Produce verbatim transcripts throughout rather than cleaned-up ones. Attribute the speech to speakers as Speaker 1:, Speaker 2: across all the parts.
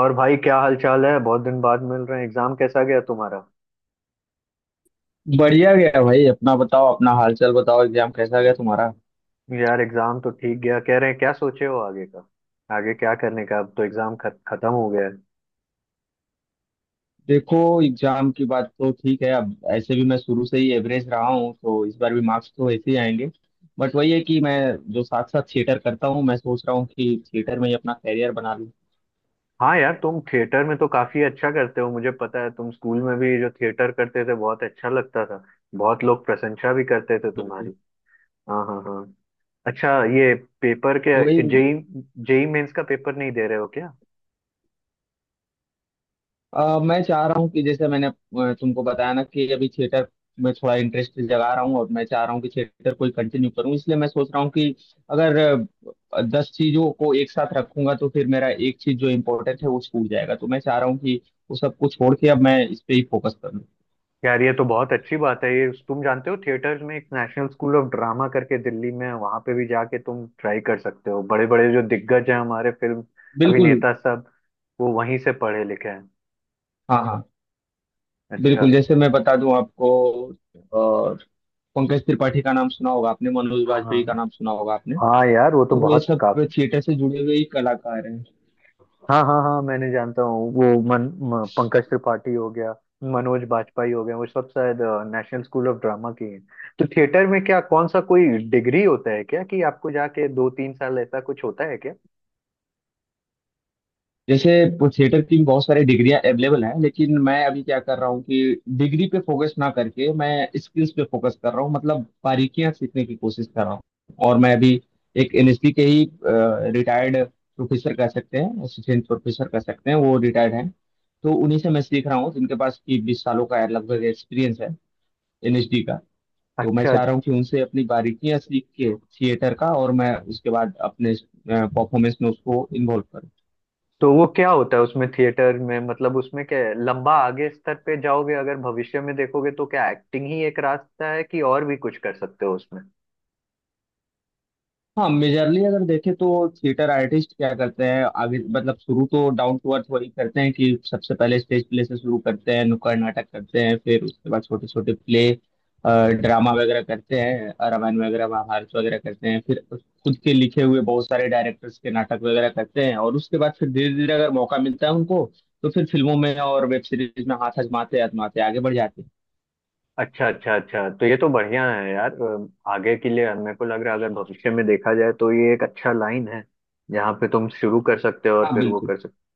Speaker 1: और भाई, क्या हाल चाल है? बहुत दिन बाद मिल रहे हैं। एग्जाम कैसा गया तुम्हारा?
Speaker 2: बढ़िया गया भाई। अपना बताओ अपना हालचाल बताओ। एग्जाम कैसा गया तुम्हारा?
Speaker 1: यार एग्जाम तो ठीक गया, कह रहे हैं। क्या सोचे हो आगे का? आगे क्या करने का, अब तो एग्जाम खत, खत्म हो गया है।
Speaker 2: देखो, एग्जाम की बात तो ठीक है। अब ऐसे भी मैं शुरू से ही एवरेज रहा हूँ, तो इस बार भी मार्क्स तो ऐसे ही आएंगे। बट वही है कि मैं जो साथ साथ थिएटर करता हूँ, मैं सोच रहा हूँ कि थिएटर में ही अपना करियर बना लूँ।
Speaker 1: हाँ यार, तुम थिएटर में तो काफी अच्छा करते हो, मुझे पता है। तुम स्कूल में भी जो थिएटर करते थे, बहुत अच्छा लगता था। बहुत लोग प्रशंसा भी करते थे
Speaker 2: बिल्कुल।
Speaker 1: तुम्हारी। हाँ हाँ हाँ। अच्छा। ये पेपर
Speaker 2: तो वही
Speaker 1: के जेई जेई मेंस का पेपर नहीं दे रहे हो क्या?
Speaker 2: अ, मैं चाह रहा हूँ कि जैसे मैंने अ, तुमको बताया ना कि अभी थिएटर में थोड़ा इंटरेस्ट जगा रहा हूँ और मैं चाह रहा हूँ कि थिएटर को कंटिन्यू करूँ, इसलिए मैं सोच रहा हूँ कि अगर अ, दस चीजों को एक साथ रखूंगा तो फिर मेरा एक चीज जो इम्पोर्टेंट है वो छूट जाएगा। तो मैं चाह रहा हूँ कि वो सब कुछ छोड़ के अब मैं इस पे ही फोकस करूँ।
Speaker 1: यार, ये तो बहुत अच्छी बात है। ये तुम जानते हो, थिएटर्स में एक नेशनल स्कूल ऑफ ड्रामा करके दिल्ली में है, वहां पे भी जाके तुम ट्राई कर सकते हो। बड़े बड़े जो दिग्गज हैं हमारे फिल्म
Speaker 2: बिल्कुल।
Speaker 1: अभिनेता सब, वो वहीं से पढ़े लिखे हैं।
Speaker 2: हाँ, हाँ।
Speaker 1: अच्छा।
Speaker 2: बिल्कुल, जैसे मैं बता दूं आपको, अ, पंकज त्रिपाठी का नाम सुना होगा आपने, मनोज
Speaker 1: हाँ
Speaker 2: वाजपेयी का नाम सुना होगा आपने।
Speaker 1: हाँ यार, वो तो
Speaker 2: तो ये
Speaker 1: बहुत
Speaker 2: सब
Speaker 1: काफी।
Speaker 2: थिएटर से जुड़े हुए ही कलाकार हैं।
Speaker 1: हाँ हाँ हाँ, मैंने जानता हूँ वो। मन म, पंकज त्रिपाठी हो गया, मनोज बाजपेयी हो गया, वो सब शायद नेशनल स्कूल ऑफ ड्रामा के हैं। तो थिएटर में क्या, कौन सा कोई डिग्री होता है क्या, कि आपको जाके दो तीन साल ऐसा कुछ होता है क्या?
Speaker 2: जैसे थिएटर की भी बहुत सारी डिग्रियां अवेलेबल हैं, लेकिन मैं अभी क्या कर रहा हूँ कि डिग्री पे फोकस ना करके मैं स्किल्स पे फोकस कर रहा हूँ, मतलब बारीकियां सीखने की कोशिश कर रहा हूँ। और मैं अभी एक एन एस डी के ही रिटायर्ड प्रोफेसर कह सकते हैं, असिस्टेंट प्रोफेसर कह सकते हैं, वो रिटायर्ड हैं। तो उन्हीं से मैं सीख रहा हूँ, जिनके पास की बीस सालों का लगभग एक्सपीरियंस है एन एस डी का। तो मैं
Speaker 1: अच्छा।
Speaker 2: चाह रहा हूँ कि उनसे अपनी बारीकियां सीख के थिएटर का, और मैं उसके बाद अपने परफॉर्मेंस में उसको इन्वॉल्व करूँ।
Speaker 1: तो वो क्या होता है उसमें थिएटर में, मतलब उसमें क्या है? लंबा आगे स्तर पे जाओगे, अगर भविष्य में देखोगे, तो क्या एक्टिंग ही एक रास्ता है कि और भी कुछ कर सकते हो उसमें?
Speaker 2: हाँ, मेजरली अगर देखें तो थिएटर आर्टिस्ट क्या करते हैं अभी, मतलब शुरू तो डाउन टू अर्थ वही करते हैं कि सबसे पहले स्टेज प्ले से शुरू करते हैं, नुक्कड़ नाटक करते हैं, फिर उसके बाद छोटे छोटे प्ले ड्रामा वगैरह करते हैं, अ, रामायण वगैरह महाभारत वगैरह करते हैं, फिर खुद के लिखे हुए बहुत सारे डायरेक्टर्स के नाटक वगैरह करते हैं। और उसके बाद फिर धीरे धीरे अगर मौका मिलता है उनको, तो फिर फिल्मों में और वेब सीरीज में हाथ आजमाते आजमाते आगे बढ़ जाते हैं।
Speaker 1: अच्छा अच्छा अच्छा, तो ये तो बढ़िया है यार। अ, आगे के लिए मेरे को लग रहा है, अगर
Speaker 2: हाँ,
Speaker 1: भविष्य में देखा जाए तो ये एक अच्छा लाइन है जहाँ पे तुम शुरू कर सकते हो और
Speaker 2: हाँ।
Speaker 1: फिर वो
Speaker 2: बिल्कुल।
Speaker 1: कर सकते।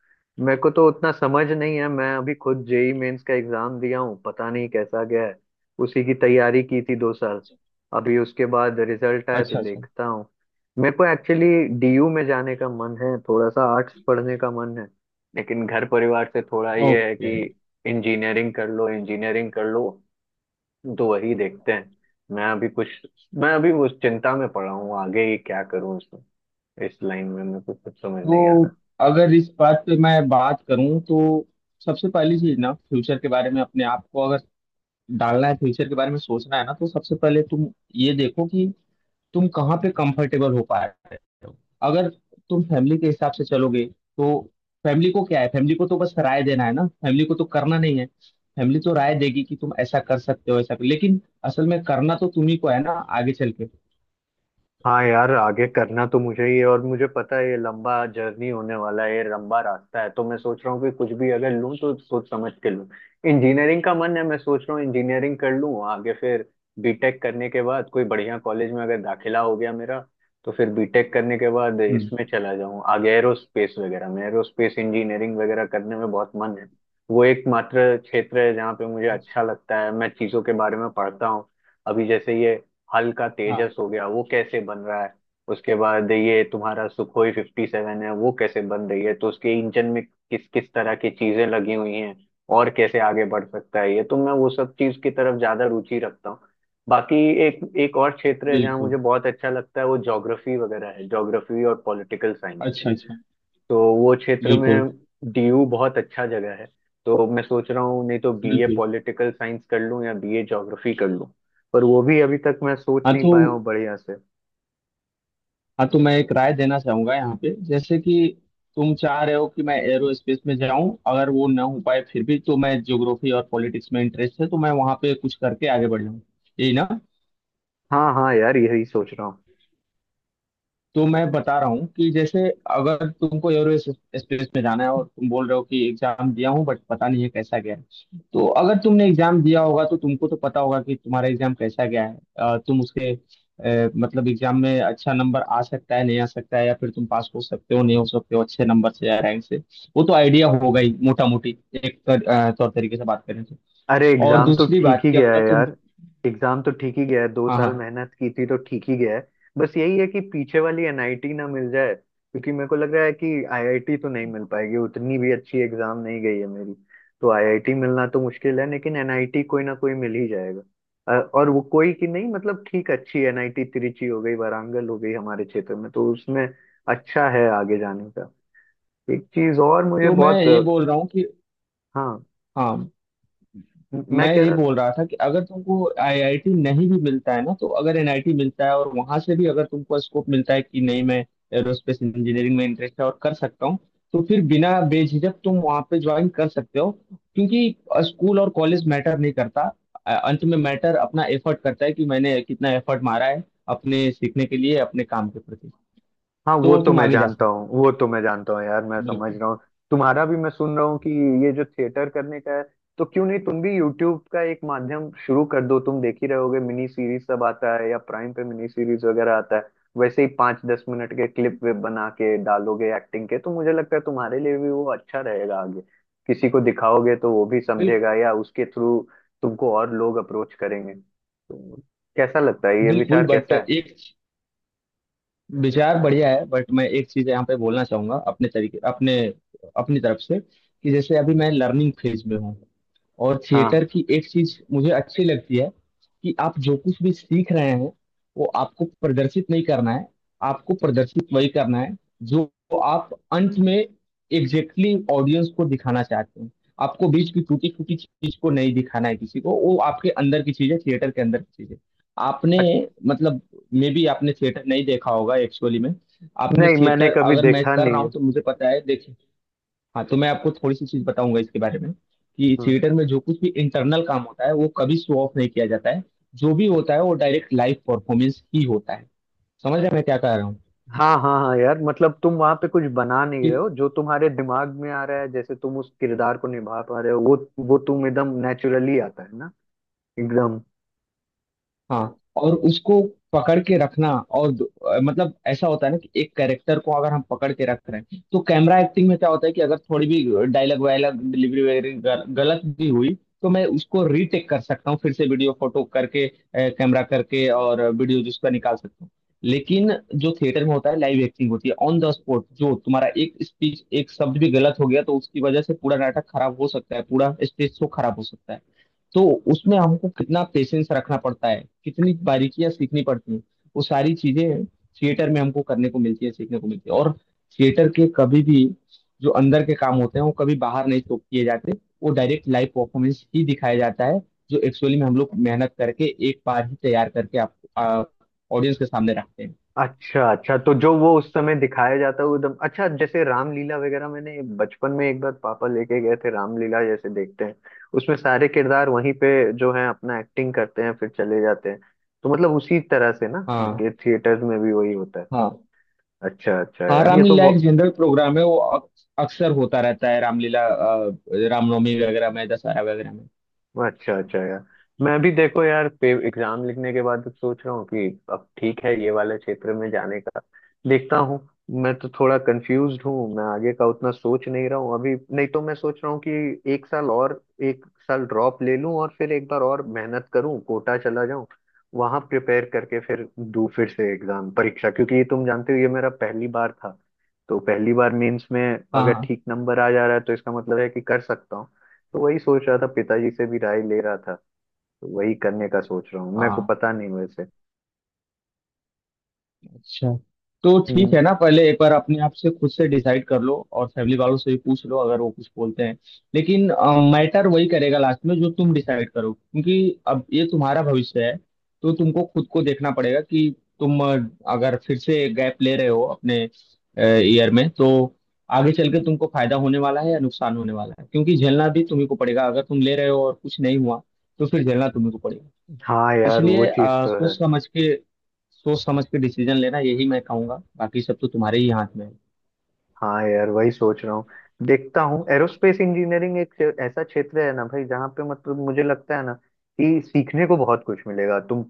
Speaker 1: मेरे को तो उतना समझ नहीं है। मैं अभी खुद जेई मेंस का एग्जाम दिया हूँ, पता नहीं कैसा गया है। उसी की तैयारी की थी दो साल। अभी उसके बाद रिजल्ट आया तो
Speaker 2: अच्छा, अच्छा, अच्छा।
Speaker 1: देखता हूँ। मेरे को एक्चुअली डीयू में जाने का मन है, थोड़ा सा आर्ट्स पढ़ने का मन है। लेकिन घर परिवार से थोड़ा ये है
Speaker 2: ओके।
Speaker 1: कि इंजीनियरिंग कर लो, इंजीनियरिंग कर लो। तो वही देखते हैं। मैं अभी कुछ, मैं अभी उस चिंता में पड़ा हूँ आगे ही क्या करूँ इसमें। इस लाइन में मेरे को कुछ समझ नहीं आ रहा।
Speaker 2: तो अगर इस बात पे मैं बात करूं तो सबसे पहली चीज ना, फ्यूचर के बारे में अपने आप को अगर डालना है, फ्यूचर के बारे में सोचना है ना, तो सबसे पहले तुम ये देखो कि तुम कहाँ पे कंफर्टेबल हो पा रहे हो। अगर तुम फैमिली के हिसाब से चलोगे, तो फैमिली को क्या है, फैमिली को तो बस राय देना है ना, फैमिली को तो करना नहीं है। फैमिली तो राय देगी कि तुम ऐसा कर सकते हो, ऐसा कर, लेकिन असल में करना तो तुम्ही को है ना आगे चल के।
Speaker 1: हाँ यार, आगे करना तो मुझे ही है और मुझे पता है ये लंबा जर्नी होने वाला है, ये लंबा रास्ता है। तो मैं सोच रहा हूँ कि कुछ भी अगर लूँ तो सोच समझ के लूँ। इंजीनियरिंग का मन है, मैं सोच रहा हूँ इंजीनियरिंग कर लूँ आगे फिर। बीटेक करने के बाद कोई बढ़िया कॉलेज में अगर दाखिला हो गया मेरा, तो फिर बीटेक करने के बाद
Speaker 2: हम्म।
Speaker 1: इसमें चला जाऊँ आगे, एरोस्पेस वगैरह में। एरोस्पेस इंजीनियरिंग वगैरह करने में बहुत मन है। वो एकमात्र क्षेत्र है जहाँ पे मुझे अच्छा लगता है, मैं चीज़ों के बारे में पढ़ता हूँ। अभी जैसे ये हल्का
Speaker 2: हाँ,
Speaker 1: तेजस हो गया, वो कैसे बन रहा है। उसके बाद ये तुम्हारा सुखोई फिफ्टी सेवन है, वो कैसे बन रही है, तो उसके इंजन में किस किस तरह की चीजें लगी हुई हैं और कैसे आगे बढ़ सकता है। ये तो मैं वो सब चीज की तरफ ज्यादा रुचि रखता हूँ। बाकी एक एक और क्षेत्र है जहाँ
Speaker 2: बिल्कुल।
Speaker 1: मुझे बहुत अच्छा लगता है, वो ज्योग्राफी वगैरह है। ज्योग्राफी और पॉलिटिकल साइंस,
Speaker 2: अच्छा, अच्छा।
Speaker 1: तो वो क्षेत्र
Speaker 2: बिल्कुल,
Speaker 1: में डीयू बहुत अच्छा जगह है। तो मैं सोच रहा हूँ, नहीं तो बीए
Speaker 2: बिल्कुल।
Speaker 1: पॉलिटिकल साइंस कर लूँ या बीए ज्योग्राफी कर लूँ। पर वो भी अभी तक मैं सोच
Speaker 2: हाँ
Speaker 1: नहीं
Speaker 2: तो
Speaker 1: पाया हूँ बढ़िया से।
Speaker 2: हाँ, तो मैं एक राय देना चाहूंगा यहाँ पे जैसे कि तुम चाह रहे हो कि मैं एरोस्पेस में जाऊं। अगर वो ना हो पाए फिर भी तो मैं ज्योग्राफी और पॉलिटिक्स में इंटरेस्ट है, तो मैं वहां पे कुछ करके आगे बढ़ जाऊँ, यही ना?
Speaker 1: हाँ हाँ यार, यही सोच रहा हूँ।
Speaker 2: तो मैं बता रहा हूँ कि जैसे अगर तुमको एरो स्पेस में जाना है और तुम बोल रहे हो कि एग्जाम दिया हूँ बट पता नहीं है कैसा गया है। तो अगर तुमने एग्जाम दिया होगा तो तुमको तो पता होगा कि तुम्हारा एग्जाम कैसा गया है। अ, तुम उसके अ, मतलब एग्जाम में अच्छा नंबर आ सकता है, नहीं आ सकता है, या फिर तुम पास हो सकते हो, नहीं हो सकते हो, अच्छे नंबर से या रैंक से। वो तो आइडिया होगा ही मोटा मोटी, एक तर, अ, तौर तरीके से बात करें तो।
Speaker 1: अरे
Speaker 2: और
Speaker 1: एग्जाम तो
Speaker 2: दूसरी
Speaker 1: ठीक
Speaker 2: बात
Speaker 1: ही
Speaker 2: कि
Speaker 1: गया
Speaker 2: अगर
Speaker 1: है
Speaker 2: तुम
Speaker 1: यार, एग्जाम तो ठीक ही गया है। दो
Speaker 2: हाँ,
Speaker 1: साल
Speaker 2: हाँ।
Speaker 1: मेहनत की थी तो ठीक ही गया है। बस यही है कि पीछे वाली एनआईटी ना मिल जाए, क्योंकि मेरे को लग रहा है कि आईआईटी तो नहीं मिल पाएगी, उतनी भी अच्छी एग्जाम नहीं गई है मेरी। तो आईआईटी मिलना तो मुश्किल है, लेकिन एनआईटी कोई ना कोई मिल ही जाएगा। अ, और वो कोई की नहीं, मतलब ठीक अच्छी एनआईटी, तिरुचि हो गई, वारांगल हो गई, हमारे क्षेत्र में, तो उसमें अच्छा है आगे जाने का। एक चीज और मुझे
Speaker 2: तो मैं
Speaker 1: बहुत अ,
Speaker 2: ये बोल रहा हूँ कि
Speaker 1: हाँ,
Speaker 2: हाँ,
Speaker 1: मैं
Speaker 2: मैं
Speaker 1: कह
Speaker 2: ये
Speaker 1: रहा।
Speaker 2: बोल रहा था कि अगर तुमको आई आई टी नहीं भी मिलता है ना, तो अगर एन आई टी मिलता है और वहां से भी अगर तुमको स्कोप मिलता है कि नहीं, मैं एरोस्पेस इंजीनियरिंग में इंटरेस्ट है और कर सकता हूँ, तो फिर बिना बेझिझक तुम वहां पे ज्वाइन कर सकते हो। क्योंकि स्कूल और कॉलेज मैटर नहीं करता, अ, अंत में मैटर अपना एफर्ट करता है कि मैंने कितना एफर्ट मारा है अपने सीखने के लिए, अपने काम के प्रति।
Speaker 1: हाँ, वो
Speaker 2: तो
Speaker 1: तो
Speaker 2: तुम
Speaker 1: मैं
Speaker 2: आगे जा
Speaker 1: जानता
Speaker 2: सकते
Speaker 1: हूँ, वो तो मैं जानता हूँ यार, मैं
Speaker 2: हो
Speaker 1: समझ
Speaker 2: बिल्कुल।
Speaker 1: रहा हूँ। तुम्हारा भी मैं सुन रहा हूँ कि ये जो थिएटर करने का है, तो क्यों नहीं तुम भी यूट्यूब का एक माध्यम शुरू कर दो। तुम देख ही रहोगे, मिनी सीरीज सब आता है, या प्राइम पे मिनी सीरीज वगैरह आता है। वैसे ही पाँच दस मिनट के क्लिप वे बना के डालोगे एक्टिंग के, तो मुझे लगता है तुम्हारे लिए भी वो अच्छा रहेगा आगे। किसी को दिखाओगे तो वो भी
Speaker 2: बिल्कुल।
Speaker 1: समझेगा, या उसके थ्रू तुमको और लोग अप्रोच करेंगे। तो कैसा लगता है, ये
Speaker 2: बिल्कुल,
Speaker 1: विचार
Speaker 2: बट
Speaker 1: कैसा है?
Speaker 2: एक विचार बढ़िया है, बट मैं एक चीज यहाँ पे बोलना चाहूंगा, अपने तरीके, अपने अपनी तरफ से, कि जैसे अभी मैं लर्निंग फेज में हूँ, और
Speaker 1: हाँ,
Speaker 2: थिएटर की एक चीज मुझे अच्छी लगती है कि आप जो कुछ भी सीख रहे हैं वो आपको प्रदर्शित नहीं करना है, आपको प्रदर्शित वही करना है जो आप अंत में एग्जैक्टली exactly ऑडियंस को दिखाना चाहते हैं। आपको बीच की टूटी फूटी चीज को नहीं दिखाना है किसी को, वो आपके अंदर की चीज है, थिएटर के अंदर की चीज है। आपने मतलब मे भी आपने थिएटर नहीं देखा होगा एक्चुअली में, आपने
Speaker 1: नहीं मैंने
Speaker 2: थिएटर,
Speaker 1: कभी
Speaker 2: अगर मैं
Speaker 1: देखा
Speaker 2: कर
Speaker 1: नहीं
Speaker 2: रहा हूँ
Speaker 1: है।
Speaker 2: तो मुझे पता है, देखिए। हाँ, तो मैं आपको थोड़ी सी चीज बताऊंगा इसके बारे में कि
Speaker 1: हम्म।
Speaker 2: थिएटर में जो कुछ भी इंटरनल काम होता है वो कभी शो ऑफ नहीं किया जाता है। जो भी होता है वो डायरेक्ट लाइव परफॉर्मेंस ही होता है। समझ रहे हैं मैं क्या कह रहा हूँ?
Speaker 1: हाँ हाँ हाँ यार, मतलब तुम वहां पे कुछ बना नहीं
Speaker 2: कि
Speaker 1: रहे हो जो तुम्हारे दिमाग में आ रहा है, जैसे तुम उस किरदार को निभा पा रहे हो, वो वो तुम एकदम नेचुरली आता है ना, एकदम।
Speaker 2: हाँ। और उसको पकड़ के रखना, और दो- अ, मतलब ऐसा होता है ना कि एक कैरेक्टर को अगर हम पकड़ के रख रहे हैं, तो कैमरा एक्टिंग में क्या होता है कि अगर थोड़ी भी डायलॉग वायलॉग डिलीवरी वगैरह गल- गलत भी हुई, तो मैं उसको रीटेक कर सकता हूँ फिर से वीडियो फोटो करके, कैमरा करके, और वीडियो जिसका निकाल सकता हूँ। लेकिन जो थिएटर में होता है लाइव एक्टिंग होती है ऑन द स्पॉट, जो तुम्हारा एक स्पीच एक शब्द भी गलत हो गया तो उसकी वजह से पूरा नाटक खराब हो सकता है, पूरा स्टेज शो खराब हो सकता है। तो उसमें हमको कितना पेशेंस रखना पड़ता है, कितनी बारीकियां सीखनी पड़ती हैं, वो सारी चीजें थिएटर में हमको करने को मिलती है, सीखने को मिलती है। और थिएटर के कभी भी जो अंदर के काम होते हैं वो कभी बाहर नहीं शो किए जाते, वो डायरेक्ट लाइव परफॉर्मेंस ही दिखाया जाता है, जो एक्चुअली में हम लोग मेहनत करके एक बार ही तैयार करके आप ऑडियंस के सामने रखते हैं।
Speaker 1: अच्छा अच्छा, तो जो वो उस समय दिखाया जाता है वो एकदम अच्छा। जैसे रामलीला वगैरह, मैंने बचपन में एक बार पापा लेके गए थे रामलीला, जैसे देखते हैं उसमें सारे किरदार वहीं पे जो है अपना एक्टिंग करते हैं फिर चले जाते हैं। तो मतलब उसी तरह से ना,
Speaker 2: हाँ,
Speaker 1: ये थिएटर में भी वही होता है।
Speaker 2: हाँ।
Speaker 1: अच्छा अच्छा
Speaker 2: हाँ,
Speaker 1: यार, ये तो
Speaker 2: रामलीला एक
Speaker 1: बहु-
Speaker 2: जनरल प्रोग्राम है, वो अक्स- अक्सर होता रहता है, रामलीला अ, रामनवमी वगैरह में, दशहरा वगैरह में।
Speaker 1: अच्छा अच्छा यार। मैं भी देखो यार, एग्जाम लिखने के बाद अब सोच रहा हूँ कि अब ठीक है, ये वाले क्षेत्र में जाने का देखता हूँ। मैं तो थोड़ा कंफ्यूज्ड हूँ, मैं आगे का उतना सोच नहीं रहा हूँ अभी, नहीं तो मैं सोच रहा हूँ कि एक साल और, एक साल ड्रॉप ले लूँ और फिर एक बार और मेहनत करूँ, कोटा चला जाऊँ, वहां प्रिपेयर करके फिर दूँ फिर से एग्जाम परीक्षा। क्योंकि ये तुम जानते हो ये मेरा पहली बार था, तो पहली बार मेंस में अगर
Speaker 2: हाँ,
Speaker 1: ठीक नंबर आ जा रहा है तो इसका मतलब है कि कर सकता हूँ। तो वही सोच रहा था, पिताजी से भी राय ले रहा था। तो वही करने का सोच रहा हूँ, मेरे को
Speaker 2: हाँ।
Speaker 1: पता नहीं वैसे।
Speaker 2: अच्छा, तो ठीक
Speaker 1: हम्म।
Speaker 2: है ना, पहले एक बार अपने आप से खुद से डिसाइड कर लो, और फैमिली वालों से भी पूछ लो अगर वो कुछ बोलते हैं। लेकिन मैटर वही करेगा लास्ट में, जो तुम डिसाइड करो। क्योंकि अब ये तुम्हारा भविष्य है, तो तुमको खुद को देखना पड़ेगा कि तुम अ, अगर फिर से गैप ले रहे हो अपने ईयर में, तो आगे चल के तुमको फायदा होने वाला है या नुकसान होने वाला है, क्योंकि झेलना भी तुम्ही को पड़ेगा। अगर तुम ले रहे हो और कुछ नहीं हुआ, तो फिर झेलना तुम्ही को पड़ेगा।
Speaker 1: हाँ यार, वो
Speaker 2: इसलिए
Speaker 1: चीज
Speaker 2: आ,
Speaker 1: तो है।
Speaker 2: सोच समझ के, सोच समझ के डिसीजन लेना, यही मैं कहूंगा। बाकी सब तो तुम्हारे ही हाथ में है।
Speaker 1: हाँ यार, वही सोच रहा हूँ, देखता हूँ। एरोस्पेस इंजीनियरिंग एक क्षे- ऐसा क्षेत्र है ना भाई जहाँ पे, मतलब मुझे लगता है ना कि सीखने को बहुत कुछ मिलेगा। तुम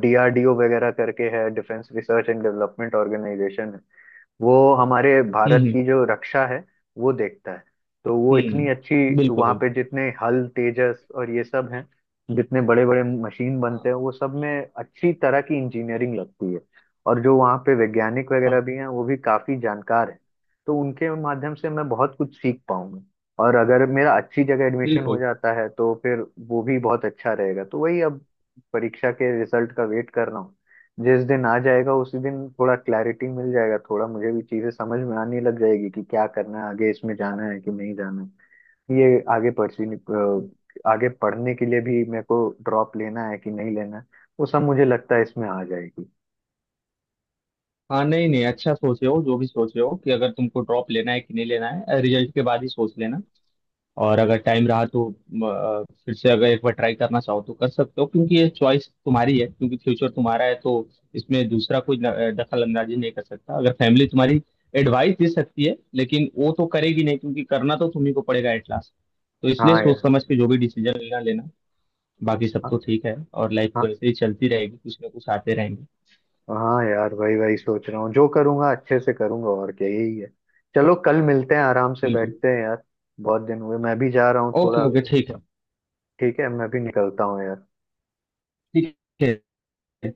Speaker 1: डीआरडीओ वगैरह करके है, defence research and development organisation, वो हमारे भारत
Speaker 2: हम्म।
Speaker 1: की जो रक्षा है वो देखता है। तो वो
Speaker 2: हम्म।
Speaker 1: इतनी अच्छी,
Speaker 2: हम्म, बिल्कुल,
Speaker 1: वहाँ पे
Speaker 2: बिल्कुल।
Speaker 1: जितने हल तेजस और ये सब हैं, जितने बड़े बड़े मशीन
Speaker 2: हाँ,
Speaker 1: बनते हैं वो सब में अच्छी तरह की इंजीनियरिंग लगती है। और जो वहाँ पे वैज्ञानिक वगैरह
Speaker 2: हाँ।
Speaker 1: भी हैं वो भी काफी जानकार हैं, तो उनके माध्यम से मैं बहुत कुछ सीख पाऊंगा। और अगर मेरा अच्छी जगह एडमिशन हो
Speaker 2: बिल्कुल।
Speaker 1: जाता है तो फिर वो भी बहुत अच्छा रहेगा। तो वही अब परीक्षा के रिजल्ट का वेट कर रहा हूँ। जिस दिन आ जाएगा उसी दिन थोड़ा क्लैरिटी मिल जाएगा, थोड़ा मुझे भी चीजें समझ में आने लग जाएगी कि क्या करना है, आगे इसमें जाना है कि नहीं जाना है। ये आगे परसी अ, आगे पढ़ने के लिए भी मेरे को ड्रॉप लेना है कि नहीं लेना है, वो सब मुझे लगता है इसमें आ जाएगी।
Speaker 2: हाँ, नहीं, नहीं, अच्छा सोचे हो, जो भी सोचे हो, कि अगर तुमको ड्रॉप लेना है कि नहीं लेना है, रिजल्ट के बाद ही सोच लेना। और अगर टाइम रहा तो अ, फिर से अगर एक बार ट्राई करना चाहो तो कर सकते हो, क्योंकि ये चॉइस तुम्हारी है, क्योंकि फ्यूचर तुम्हारा है। तो इसमें दूसरा कोई न- अ, दखल अंदाजी नहीं कर सकता, अगर फैमिली तुम्हारी एडवाइस दे सकती है लेकिन वो तो करेगी नहीं, क्योंकि करना तो तुम्ही को पड़ेगा एट लास्ट। तो इसलिए
Speaker 1: हाँ
Speaker 2: सोच
Speaker 1: यार।
Speaker 2: समझ के जो भी डिसीजन लेना लेना। बाकी सब तो
Speaker 1: हाँ
Speaker 2: ठीक है और लाइफ तो
Speaker 1: हाँ
Speaker 2: ऐसे ही चलती रहेगी, कुछ ना कुछ आते रहेंगे।
Speaker 1: हाँ यार, वही वही सोच रहा हूँ। जो करूँगा अच्छे से करूँगा, और क्या, यही है। चलो कल मिलते हैं, आराम से
Speaker 2: बिल्कुल।
Speaker 1: बैठते हैं यार। बहुत दिन हुए, मैं भी जा रहा हूँ
Speaker 2: ओके,
Speaker 1: थोड़ा।
Speaker 2: ओके। ठीक है।
Speaker 1: ठीक है, मैं भी निकलता हूँ यार।
Speaker 2: ठीक है।